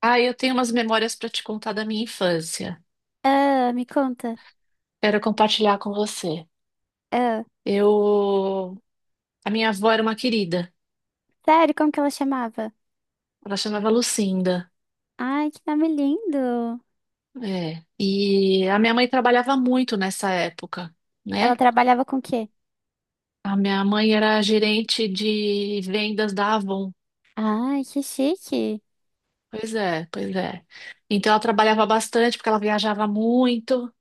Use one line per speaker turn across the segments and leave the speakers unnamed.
Ah, eu tenho umas memórias para te contar da minha infância.
Ah, me conta.
Quero compartilhar com você.
Ah,
Eu, a minha avó era uma querida.
sério, como que ela chamava?
Ela chamava Lucinda.
Ai, que nome lindo.
É. E a minha mãe trabalhava muito nessa época,
Ela
né?
trabalhava com o quê?
A minha mãe era gerente de vendas da Avon.
Ai, que chique.
Pois é, pois é. Então ela trabalhava bastante porque ela viajava muito.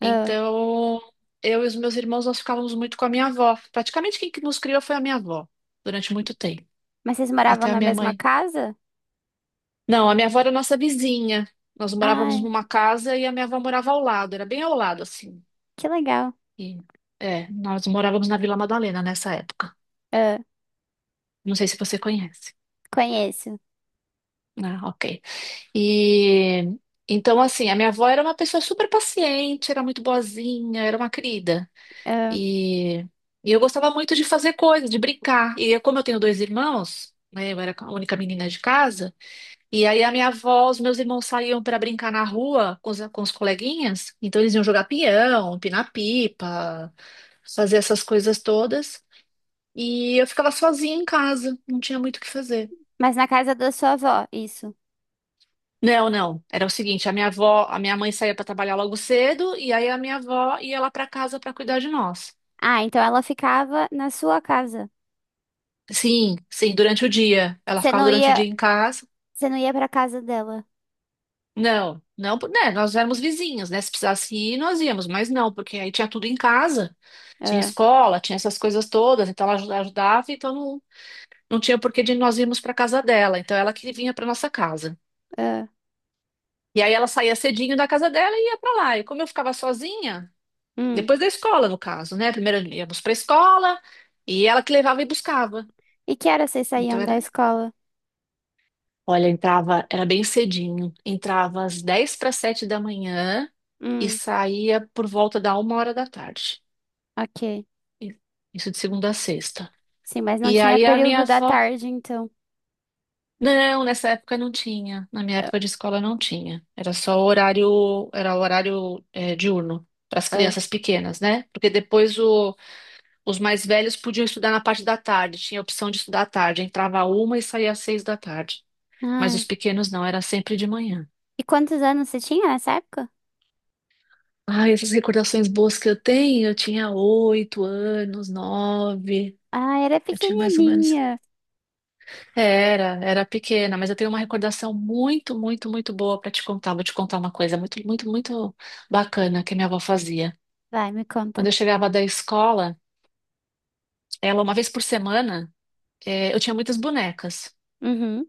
Ah,
Então eu e os meus irmãos nós ficávamos muito com a minha avó. Praticamente quem que nos criou foi a minha avó durante muito tempo.
mas vocês moravam
Até a
na
minha
mesma
mãe
casa?
Não, a minha avó era nossa vizinha. Nós morávamos
Ai,
numa casa e a minha avó morava ao lado, era bem ao lado, assim.
que legal.
E, Nós morávamos na Vila Madalena nessa época.
Ah,
Não sei se você conhece.
conheço.
Ah, ok. E então, assim, a minha avó era uma pessoa super paciente, era muito boazinha, era uma querida.
Ah,
E, e eu gostava muito de fazer coisas, de brincar. E como eu tenho dois irmãos, né, eu era a única menina de casa. E aí a minha avó, os meus irmãos saíam para brincar na rua com os coleguinhas, então eles iam jogar pião, empinar pipa, fazer essas coisas todas, e eu ficava sozinha em casa, não tinha muito o que fazer.
mas na casa da sua avó, isso.
Não, não, era o seguinte, a minha mãe saía para trabalhar logo cedo, e aí a minha avó ia lá para casa para cuidar de nós.
Ah, então ela ficava na sua casa.
Sim, sim, durante o dia. Ela
Você
ficava
não
durante o
ia,
dia em casa.
você não ia pra casa dela.
Não, não, né, nós éramos vizinhos, né? Se precisasse ir, nós íamos, mas não, porque aí tinha tudo em casa. Tinha
Ah,
escola, tinha essas coisas todas, então ela ajudava, então não, não tinha porquê de nós irmos para casa dela, então ela que vinha para nossa casa.
ah,
E aí ela saía cedinho da casa dela e ia para lá. E como eu ficava sozinha,
hum.
depois da escola, no caso, né? Primeiro íamos para a escola e ela que levava e buscava.
E que horas vocês
Então
saíam da
era,
escola?
olha, entrava, era bem cedinho, entrava às 6:50 da manhã e
Hum,
saía por volta da 1 hora da tarde.
ok.
E- Isso de segunda a sexta.
Sim, mas não
E
tinha
aí a minha
período da
avó
tarde, então.
Não, nessa época não tinha. Na minha
Ah,
época de escola não tinha. Era só horário, era horário diurno para as
ah.
crianças pequenas, né? Porque depois os mais velhos podiam estudar na parte da tarde. Tinha a opção de estudar à tarde. Entrava uma e saía às 6 da tarde. Mas os
Ai.
pequenos não, era sempre de manhã.
E quantos anos você tinha nessa época?
Ai, essas recordações boas que eu tenho, eu tinha 8 anos, nove.
Ah, era
Eu tinha mais ou menos.
pequenininha.
Era, era pequena, mas eu tenho uma recordação muito, muito, muito boa para te contar. Vou te contar uma coisa muito, muito, muito bacana que minha avó fazia.
Vai, me
Quando
conta.
eu chegava da escola, ela, uma vez por semana, eu tinha muitas bonecas.
Uhum.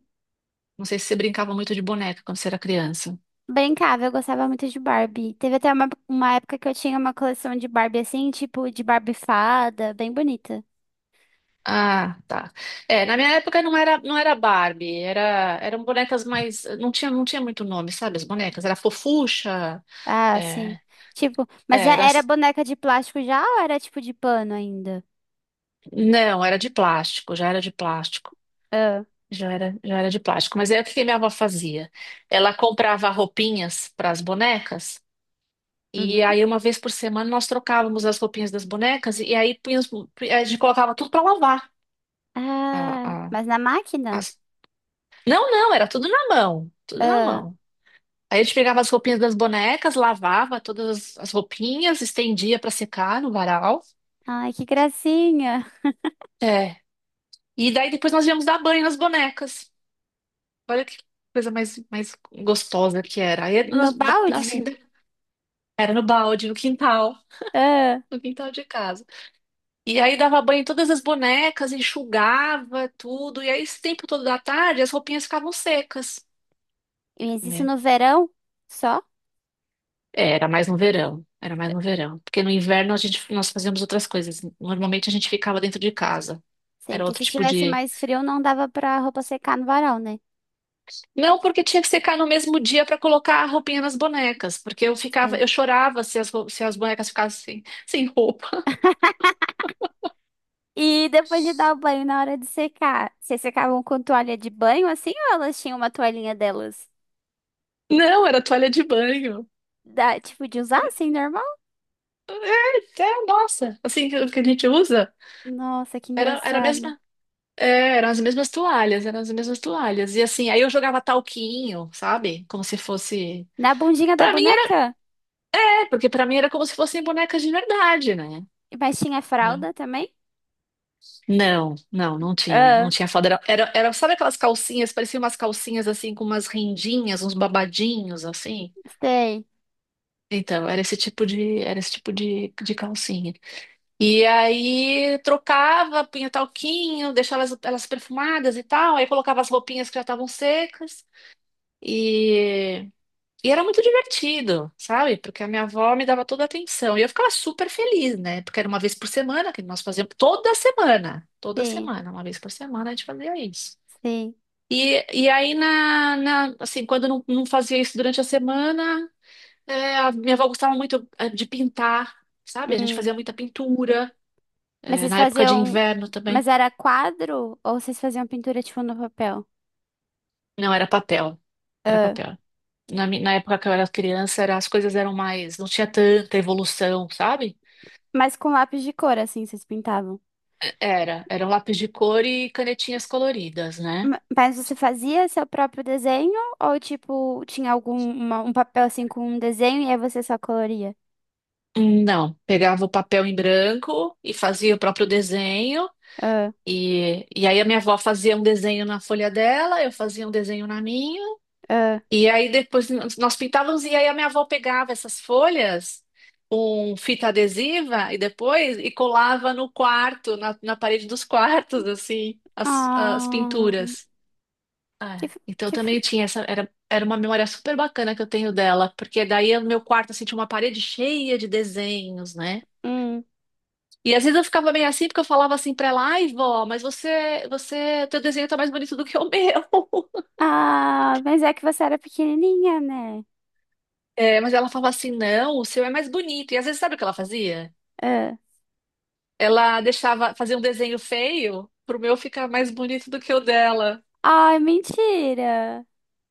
Não sei se você brincava muito de boneca quando você era criança.
Brincava, eu gostava muito de Barbie. Teve até uma época que eu tinha uma coleção de Barbie assim, tipo de Barbie fada, bem bonita.
Ah, tá. É, na minha época não era Barbie, eram bonecas mais, não tinha muito nome, sabe? As bonecas, era Fofucha,
Ah, sim.
é,
Tipo, mas
é,
já
era,
era boneca de plástico já ou era tipo de pano ainda?
não, era de plástico, já era de plástico.
Ah,
Já era de plástico. Mas é o que que minha avó fazia. Ela comprava roupinhas para as bonecas, e
uhum.
aí uma vez por semana nós trocávamos as roupinhas das bonecas, e aí a gente colocava tudo para lavar.
Ah,
A, a-
mas na máquina?
as- Não, não, era tudo na mão, tudo na
Ah,
mão. Aí a gente pegava as roupinhas das bonecas, lavava todas as roupinhas, estendia para secar no varal.
ai, que gracinha.
É. E daí depois nós íamos dar banho nas bonecas. Olha que coisa mais gostosa que era.
No
Assim,
balde?
Era no balde, no quintal,
Ah,
no quintal de casa. E aí dava banho em todas as bonecas, enxugava tudo. E aí, esse tempo todo da tarde, as roupinhas ficavam secas,
mas isso
né?
no verão? Só?
Era mais no verão, era mais no verão. Porque no inverno nós fazíamos outras coisas. Normalmente a gente ficava dentro de casa.
Sim,
Era
porque
outro
se
tipo
estivesse
de.
mais frio, não dava pra roupa secar no varal, né?
Não, porque tinha que secar no mesmo dia para colocar a roupinha nas bonecas. Porque
Sim.
eu chorava se se as bonecas ficassem sem roupa.
E depois de dar o banho, na hora de secar, vocês secavam com toalha de banho assim ou elas tinham uma toalhinha delas?
Não, era toalha de banho.
Da, tipo, de usar assim, normal?
É, nossa, assim que a gente usa.
Nossa, que
Era, era a
engraçado.
mesma, é, Eram as mesmas toalhas, eram as mesmas toalhas. E assim, aí eu jogava talquinho, sabe? Como se fosse.
Na bundinha da
Pra mim era,
boneca?
é, porque pra mim era como se fossem bonecas de verdade, né?
Mas tinha
Entendeu?
fralda também?
Não, não, não
Ah,
tinha foda. Sabe aquelas calcinhas, pareciam umas calcinhas assim com umas rendinhas, uns babadinhos assim.
sei,
Então, era esse tipo de calcinha. E aí trocava, punha talquinho, deixava elas perfumadas e tal, aí colocava as roupinhas que já estavam secas. E, e era muito divertido, sabe? Porque a minha avó me dava toda a atenção. E eu ficava super feliz, né? Porque era uma vez por semana que nós fazíamos. Toda semana. Toda
sim,
semana. Uma vez por semana a gente fazia isso.
sim.
Assim, quando eu não fazia isso durante a semana, a minha avó gostava muito de pintar, sabe? A gente
Hum.
fazia muita pintura,
Mas
é,
vocês
na época de
faziam.
inverno também.
Mas era quadro ou vocês faziam pintura tipo no papel?
Não, era papel. Era
Ah.
papel. Na época que eu era criança, as coisas eram mais. Não tinha tanta evolução, sabe?
Mas com lápis de cor, assim, vocês pintavam?
Era um lápis de cor e canetinhas coloridas, né?
Mas você fazia seu próprio desenho ou tipo tinha algum um papel assim com um desenho e aí você só coloria?
Não, pegava o papel em branco e fazia o próprio desenho.
Ah,
E aí a minha avó fazia um desenho na folha dela, eu fazia um desenho na minha.
ah,
E aí depois nós pintávamos e aí a minha avó pegava essas folhas com fita adesiva e depois colava no quarto, na parede dos quartos, assim, as
ah,
pinturas.
que
É,
f-
então
que f-
também tinha essa, era uma memória super bacana que eu tenho dela, porque daí no meu quarto assim, tinha uma parede cheia de desenhos, né?
hum.
E às vezes eu ficava meio assim, porque eu falava assim pra ela, ai, vó, mas você, teu desenho tá mais bonito do que o meu.
Ah, mas é que você era pequenininha, né?
É, mas ela falava assim, não, o seu é mais bonito. E às vezes sabe o que ela fazia?
Ah.
Fazia um desenho feio pro meu ficar mais bonito do que o dela.
Ai, mentira.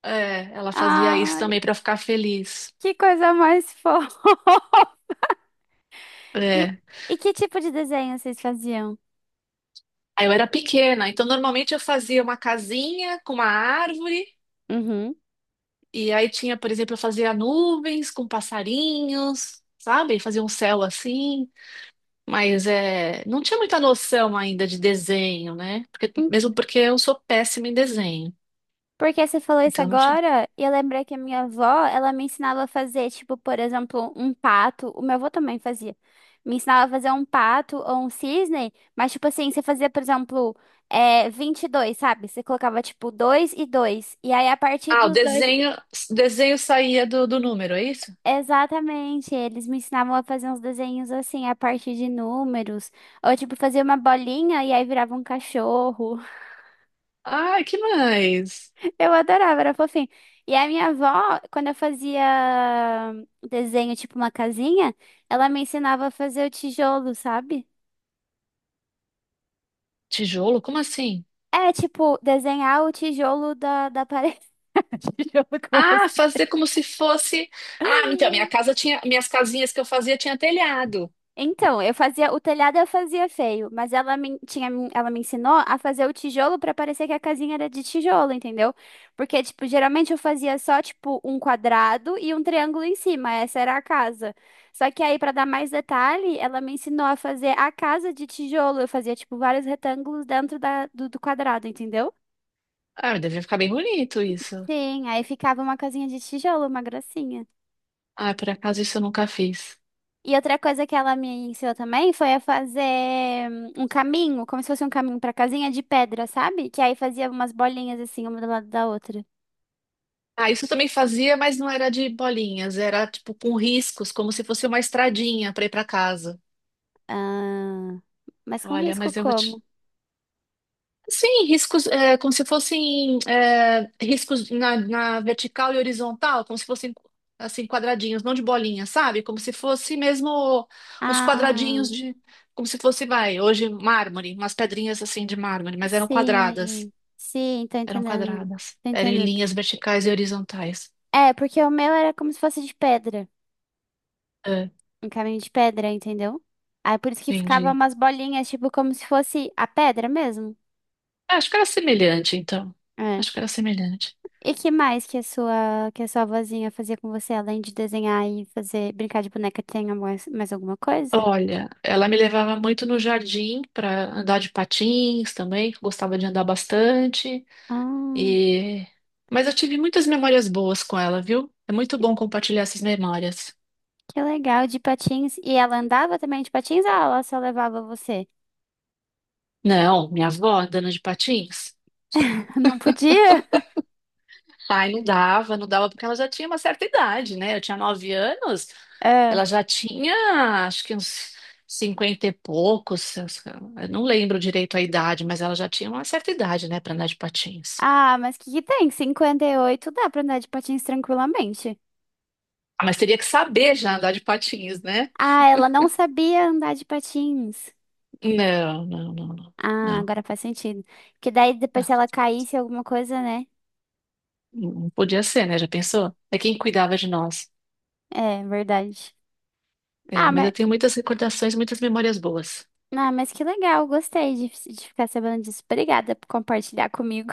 É, ela fazia isso
Ai,
também pra eu ficar feliz.
que coisa mais fofa. E,
É.
e que tipo de desenho vocês faziam?
Aí eu era pequena, então normalmente eu fazia uma casinha com uma árvore,
Uhum.
e aí tinha, por exemplo, eu fazia nuvens com passarinhos, sabe? Fazia um céu assim, mas não tinha muita noção ainda de desenho, né? Porque- mesmo porque eu sou péssima em desenho,
Porque você falou isso
então não tinha.
agora, e eu lembrei que a minha avó, ela me ensinava a fazer, tipo, por exemplo, um pato. O meu avô também fazia. Me ensinava a fazer um pato ou um cisne, mas, tipo assim, você fazia, por exemplo, é, 22, sabe? Você colocava, tipo, 2 e 2. E aí, a partir
Ah,
dos dois.
desenho saía do número, é isso?
Exatamente, eles me ensinavam a fazer uns desenhos assim, a partir de números. Ou, tipo, fazia uma bolinha e aí virava um cachorro.
Ah, que mais?
Eu adorava, era fofinho. E a minha avó, quando eu fazia desenho, tipo uma casinha, ela me ensinava a fazer o tijolo, sabe?
Tijolo? Como assim?
É, tipo, desenhar o tijolo da parede. Tijolo como.
Ah, fazer como se fosse. Ah, então, minhas casinhas que eu fazia tinha telhado.
Então, eu fazia o telhado, eu fazia feio, mas ela me, tinha, ela me ensinou a fazer o tijolo pra parecer que a casinha era de tijolo, entendeu? Porque, tipo, geralmente eu fazia só, tipo, um quadrado e um triângulo em cima, essa era a casa. Só que aí, pra dar mais detalhe, ela me ensinou a fazer a casa de tijolo. Eu fazia, tipo, vários retângulos dentro da, do quadrado, entendeu?
Ah, mas devia ficar bem bonito isso.
Sim, aí ficava uma casinha de tijolo, uma gracinha.
Ah, por acaso isso eu nunca fiz.
E outra coisa que ela me ensinou também foi a fazer um caminho, como se fosse um caminho pra casinha de pedra, sabe? Que aí fazia umas bolinhas assim, uma do lado da outra.
Ah, isso eu também fazia, mas não era de bolinhas, era tipo com riscos, como se fosse uma estradinha para ir para casa.
Ah, mas com
Olha,
risco
mas eu vou te.
como?
Sim, riscos, como se fossem riscos na vertical e horizontal, como se fossem assim quadradinhos, não de bolinha, sabe? Como se fosse mesmo uns
Ah,
quadradinhos como se fosse, vai, hoje mármore, umas pedrinhas assim de mármore, mas eram quadradas.
sim. Sim, tô
Eram
entendendo.
quadradas.
Tô
Eram em
entendendo.
linhas verticais e horizontais.
É, porque o meu era como se fosse de pedra.
Ah,
Um caminho de pedra, entendeu? Aí por isso que ficava
entendi.
umas bolinhas, tipo, como se fosse a pedra mesmo.
Ah, acho que era semelhante, então.
É.
Acho que era semelhante.
E que mais que a sua vozinha fazia com você, além de desenhar e fazer brincar de boneca, tem mais, mais alguma coisa?
Olha, ela me levava muito no jardim para andar de patins também, que eu gostava de andar bastante.
Ah,
E... Mas eu tive muitas memórias boas com ela, viu? É muito bom compartilhar essas memórias.
que legal, de patins. E ela andava também de patins ou ela só levava você?
Não, minha avó andando de patins.
Não podia?
Ai, não dava, não dava, porque ela já tinha uma certa idade, né? Eu tinha 9 anos,
Ah,
acho que uns cinquenta e poucos, eu não lembro direito a idade, mas ela já tinha uma certa idade, né, para andar de patins.
ah, mas que tem? 58 dá pra andar de patins tranquilamente.
Mas teria que saber já andar de patins, né?
Ah, ela não sabia andar de patins.
Não, não, não, não,
Ah,
não,
agora faz sentido. Porque daí depois
não,
se ela caísse alguma coisa, né?
não podia ser, né? Já pensou? É quem cuidava de nós.
É, verdade.
É,
Ah,
mas
mas
eu tenho muitas recordações, muitas memórias boas.
ah, mas que legal, gostei de ficar sabendo disso. Obrigada por compartilhar comigo.